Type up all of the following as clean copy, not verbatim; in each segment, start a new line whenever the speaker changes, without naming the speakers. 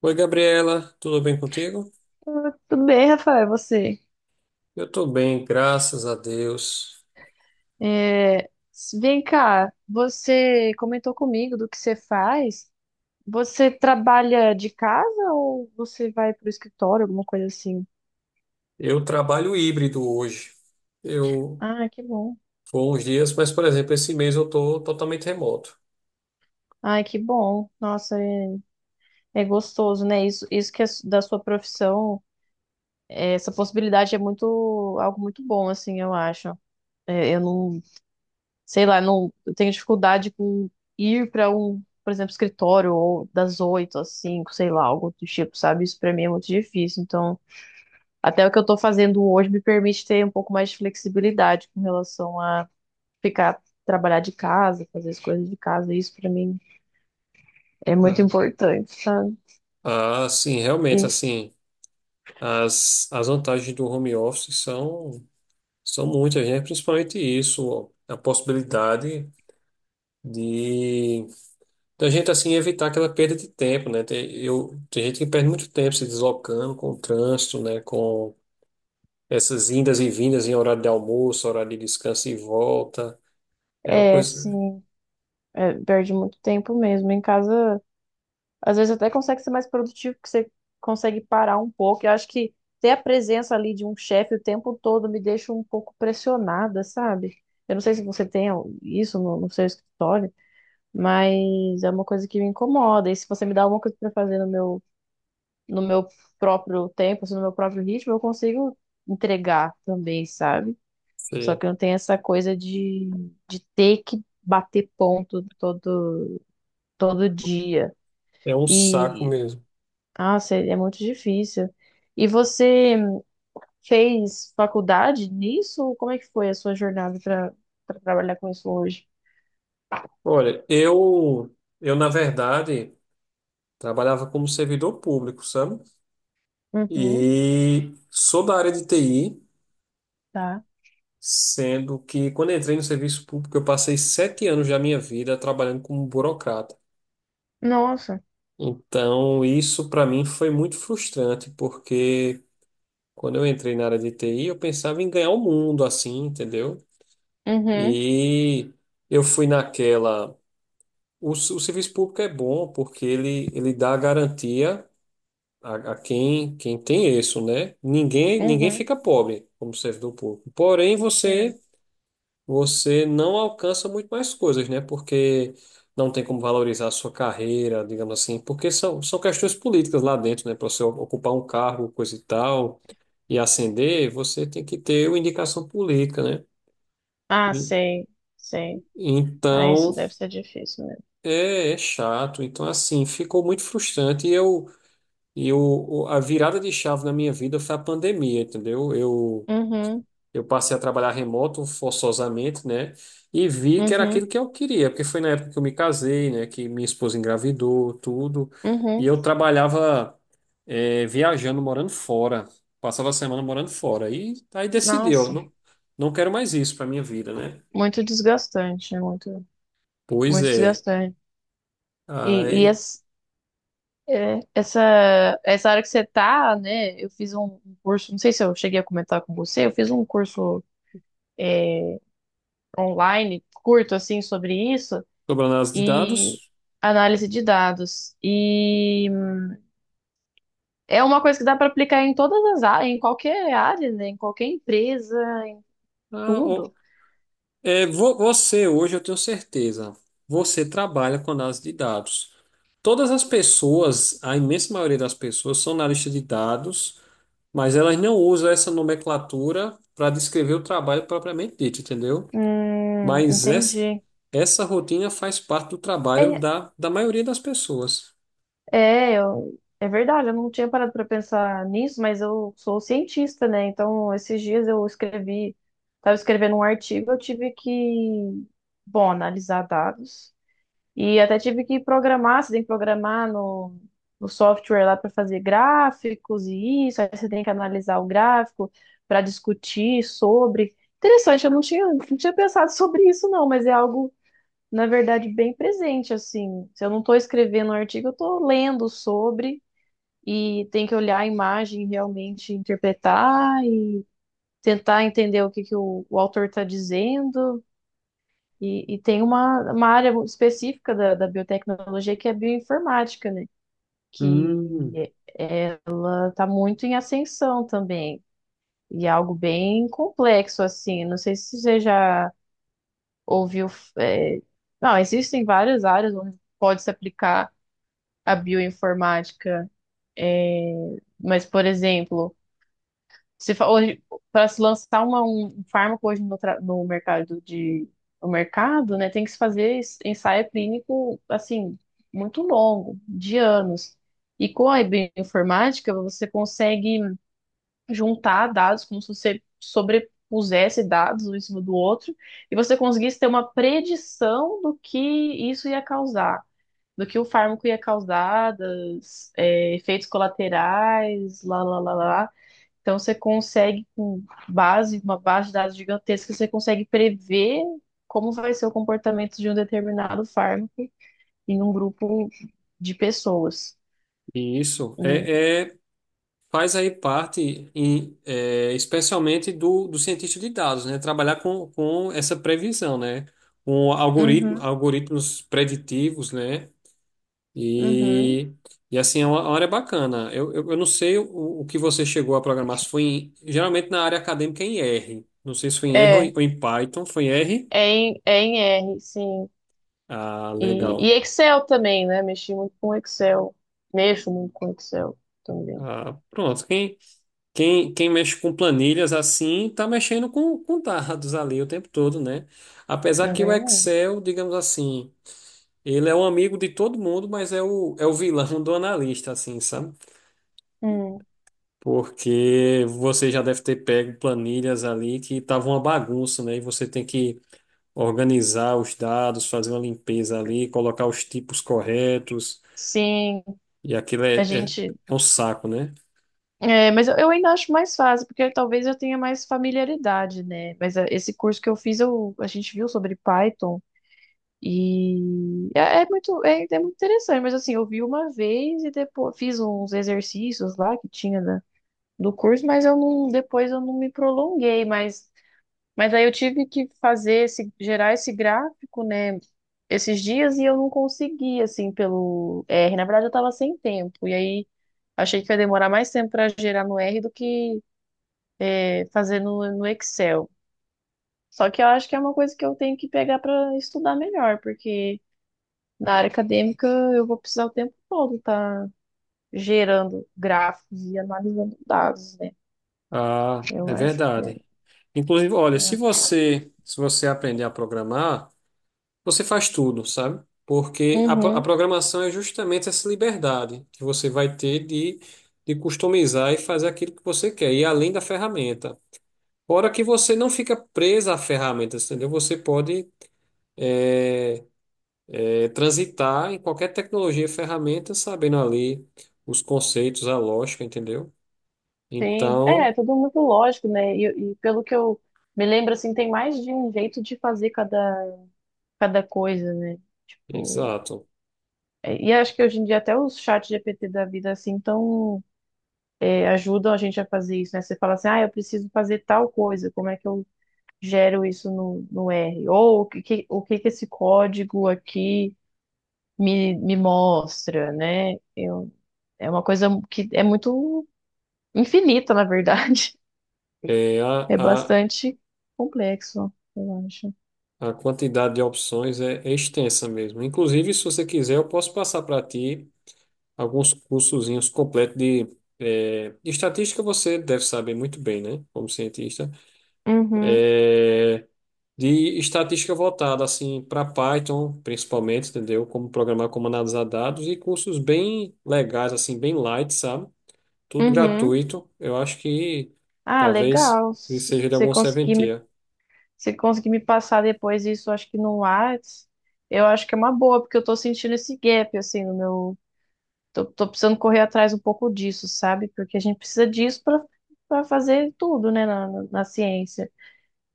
Oi, Gabriela, tudo bem contigo?
Tudo bem, Rafael, é você?
Eu estou bem, graças a Deus.
É, vem cá, você comentou comigo do que você faz. Você trabalha de casa ou você vai para o escritório, alguma coisa assim?
Eu trabalho híbrido hoje. Eu
Ah, que bom.
vou uns dias, mas, por exemplo, esse mês eu estou totalmente remoto.
Ai, que bom. Nossa, é, é gostoso, né? Isso que é da sua profissão, é, essa possibilidade é muito, algo muito bom, assim, eu acho. É, eu não, sei lá, não, eu tenho dificuldade com ir para um, por exemplo, escritório ou das oito às cinco, sei lá, algo do tipo, sabe? Isso para mim é muito difícil. Então, até o que eu tô fazendo hoje me permite ter um pouco mais de flexibilidade com relação a ficar trabalhar de casa, fazer as coisas de casa. Isso para mim é muito
Tá?
importante, sabe?
Ah, sim, realmente,
E-
assim, as vantagens do home office são muitas, né? Principalmente isso, ó, a possibilidade de da gente, assim, evitar aquela perda de tempo, né? Tem gente que perde muito tempo se deslocando com o trânsito, né? Com essas indas e vindas em horário de almoço, horário de descanso e volta. É uma
É,
coisa.
sim, é, perde muito tempo mesmo em casa. Às vezes até consegue ser mais produtivo, porque você consegue parar um pouco. Eu acho que ter a presença ali de um chefe o tempo todo me deixa um pouco pressionada, sabe? Eu não sei se você tem isso no seu escritório, mas é uma coisa que me incomoda. E se você me dá alguma coisa para fazer no meu, no meu próprio tempo, assim, no meu próprio ritmo, eu consigo entregar também, sabe? Só
Sim,
que eu não tenho essa coisa de ter que bater ponto todo, todo dia.
é um saco
E
mesmo.
nossa, é muito difícil. E você fez faculdade nisso? Como é que foi a sua jornada para para trabalhar com isso hoje?
Olha, eu na verdade, trabalhava como servidor público, sabe?
Uhum,
E sou da área de TI,
tá.
sendo que quando entrei no serviço público, eu passei 7 anos da minha vida trabalhando como burocrata.
Nossa.
Então, isso para mim foi muito frustrante, porque quando eu entrei na área de TI, eu pensava em ganhar o mundo, assim, entendeu?
Uhum,
E eu fui naquela. O serviço público é bom porque ele dá garantia a quem, quem tem isso, né? Ninguém
uhum.
fica pobre como servidor público. Porém, você,
Sei.
você não alcança muito mais coisas, né? Porque não tem como valorizar a sua carreira, digamos assim, porque são questões políticas lá dentro, né? Para você ocupar um cargo, coisa e tal, e ascender, você tem que ter uma indicação política, né?
Ah,
E-
sei, sei. Ah,
Então.
isso deve ser difícil mesmo.
É, é chato. Então, assim, ficou muito frustrante. A virada de chave na minha vida foi a pandemia, entendeu?
Uhum,
Eu passei a trabalhar remoto forçosamente, né? E vi que era
uhum,
aquilo que eu queria, porque foi na época que eu me casei, né? Que minha esposa engravidou, tudo. E
uhum.
eu trabalhava, viajando, morando fora. Passava a semana morando fora. E aí decidi, eu
Nossa,
não, não quero mais isso para minha vida, né?
muito desgastante, né? Muito,
Pois
muito
é.
desgastante. E, e
Aí,
es- É, essa área que você tá, né? Eu fiz um curso, não sei se eu cheguei a comentar com você, eu fiz um curso online curto assim sobre isso
sobre análise de
e
dados.
análise de dados. E é uma coisa que dá para aplicar em todas as áreas, em qualquer área, né? Em qualquer empresa, em tudo.
É, você, hoje eu tenho certeza, você trabalha com análise de dados. Todas as pessoas, a imensa maioria das pessoas, são analistas de dados, mas elas não usam essa nomenclatura para descrever o trabalho propriamente dito, entendeu? Mas
Entendi.
essa rotina faz parte do trabalho
É,
da maioria das pessoas.
É verdade, eu não tinha parado para pensar nisso, mas eu sou cientista, né? Então, esses dias eu escrevi, estava escrevendo um artigo, eu tive que, bom, analisar dados. E até tive que programar, você tem que programar no software lá para fazer gráficos e isso, aí você tem que analisar o gráfico para discutir sobre. Interessante, eu não tinha pensado sobre isso, não, mas é algo, na verdade, bem presente, assim. Se eu não estou escrevendo um artigo, eu estou lendo sobre e tem que olhar a imagem realmente interpretar e tentar entender o que que o autor está dizendo. E tem uma área específica da biotecnologia que é a bioinformática, né?
Hum,
Que é, ela está muito em ascensão também. E é algo bem complexo, assim. Não sei se você já ouviu. É, não, existem várias áreas onde pode se aplicar a bioinformática. É, mas, por exemplo, Se fa- hoje para se lançar um fármaco hoje no, no mercado de no mercado, né, tem que se fazer ensaio clínico assim muito longo, de anos. E com a bioinformática você consegue juntar dados como se você sobrepusesse dados um em cima do outro e você conseguisse ter uma predição do que isso ia causar. Do que o fármaco ia causar, dos, efeitos colaterais, lá, lá, lá, lá. Então você consegue, com base, uma base de dados gigantesca, você consegue prever como vai ser o comportamento de um determinado fármaco em um grupo de pessoas.
isso.
É,
É, faz aí parte, especialmente do cientista de dados, né? Trabalhar com essa previsão, né? Com
uhum,
algoritmos preditivos, né?
uhum.
E, e assim, é uma área bacana. Eu não sei o que você chegou a programar, se foi geralmente na área acadêmica é em R. Não sei se foi em R
é,
ou em Python. Foi em R?
é em R, sim.
Ah, legal.
E Excel também, né? Mexi muito com Excel. Mexo muito com Excel também.
Ah, pronto. Quem mexe com planilhas assim, está mexendo com dados ali o tempo todo, né? Apesar
Não
que o
vem ruim.
Excel, digamos assim, ele é um amigo de todo mundo, mas é é o vilão do analista, assim, sabe?
Hum,
Porque você já deve ter pego planilhas ali que estavam uma bagunça, né? E você tem que organizar os dados, fazer uma limpeza ali, colocar os tipos corretos,
sim,
e
a
é,
gente.
é um saco, né?
É, mas eu ainda acho mais fácil, porque talvez eu tenha mais familiaridade, né? Mas é, esse curso que eu fiz, eu, a gente viu sobre Python e é muito interessante, mas assim, eu vi uma vez e depois fiz uns exercícios lá que tinha do curso, mas eu não, depois eu não me prolonguei, mas aí eu tive que fazer esse, gerar esse gráfico, né? Esses dias e eu não consegui, assim, pelo R. Na verdade, eu tava sem tempo, e aí. Achei que ia demorar mais tempo para gerar no R do que fazer no, no Excel. Só que eu acho que é uma coisa que eu tenho que pegar para estudar melhor, porque na área acadêmica eu vou precisar o tempo todo estar gerando gráficos e analisando dados, né?
Ah,
Eu
é
acho que é.
verdade. Inclusive, olha, se você aprender a programar, você faz tudo, sabe? Porque a
Uhum,
programação é justamente essa liberdade que você vai ter de customizar e fazer aquilo que você quer, e além da ferramenta. Fora que você não fica presa à ferramenta, entendeu? Você pode é, transitar em qualquer tecnologia e ferramenta, sabendo ali os conceitos, a lógica, entendeu?
sim. É, é
Então,
tudo muito lógico, né? E pelo que eu me lembro, assim, tem mais de um jeito de fazer cada, cada coisa, né? Tipo,
exato.
é, e acho que hoje em dia até os chats GPT da vida, assim, estão é, ajudam a gente a fazer isso, né? Você fala assim, ah, eu preciso fazer tal coisa, como é que eu gero isso no, no R? Ou o que, o que que esse código aqui me mostra, né? Eu, é uma coisa que é muito infinita, na verdade.
É,
É
a-
bastante complexo, eu acho.
a quantidade de opções é, é extensa mesmo. Inclusive, se você quiser, eu posso passar para ti alguns cursozinhos completos de, de estatística. Você deve saber muito bem, né? Como cientista,
Uhum,
Eh, de estatística voltada assim para Python, principalmente, entendeu? Como programar, como analisar dados e cursos bem legais, assim, bem light, sabe? Tudo
uhum.
gratuito. Eu acho que
Ah,
talvez
legal.
seja de algum serventia.
Se conseguir me passar depois isso, acho que no Whats, eu acho que é uma boa, porque eu tô sentindo esse gap, assim, no meu tô precisando correr atrás um pouco disso, sabe? Porque a gente precisa disso para para fazer tudo, né, na ciência.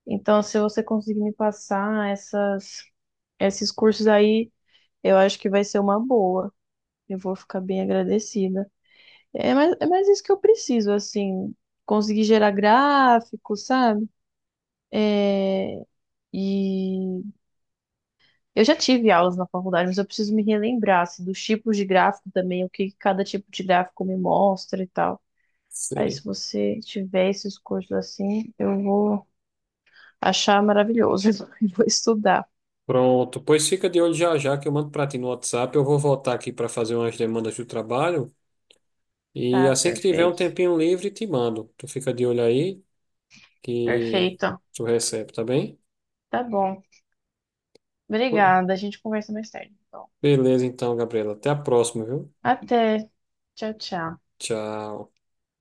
Então, se você conseguir me passar essas, esses cursos aí, eu acho que vai ser uma boa. Eu vou ficar bem agradecida. É mais isso que eu preciso, assim, conseguir gerar gráfico, sabe? É, e eu já tive aulas na faculdade, mas eu preciso me relembrar, assim, dos tipos de gráfico também, o que cada tipo de gráfico me mostra e tal. Aí, se você tiver esses cursos assim, eu vou achar maravilhoso e vou estudar.
Pronto, pois fica de olho já já que eu mando para ti no WhatsApp. Eu vou voltar aqui para fazer umas demandas do trabalho e
Tá,
assim que tiver um
perfeito.
tempinho livre, te mando. Tu fica de olho aí que
Perfeito.
tu recebe, tá bem?
Tá bom. Obrigada. A gente conversa mais tarde. Então,
Beleza, então, Gabriela. Até a próxima, viu?
até. Tchau, tchau.
Tchau.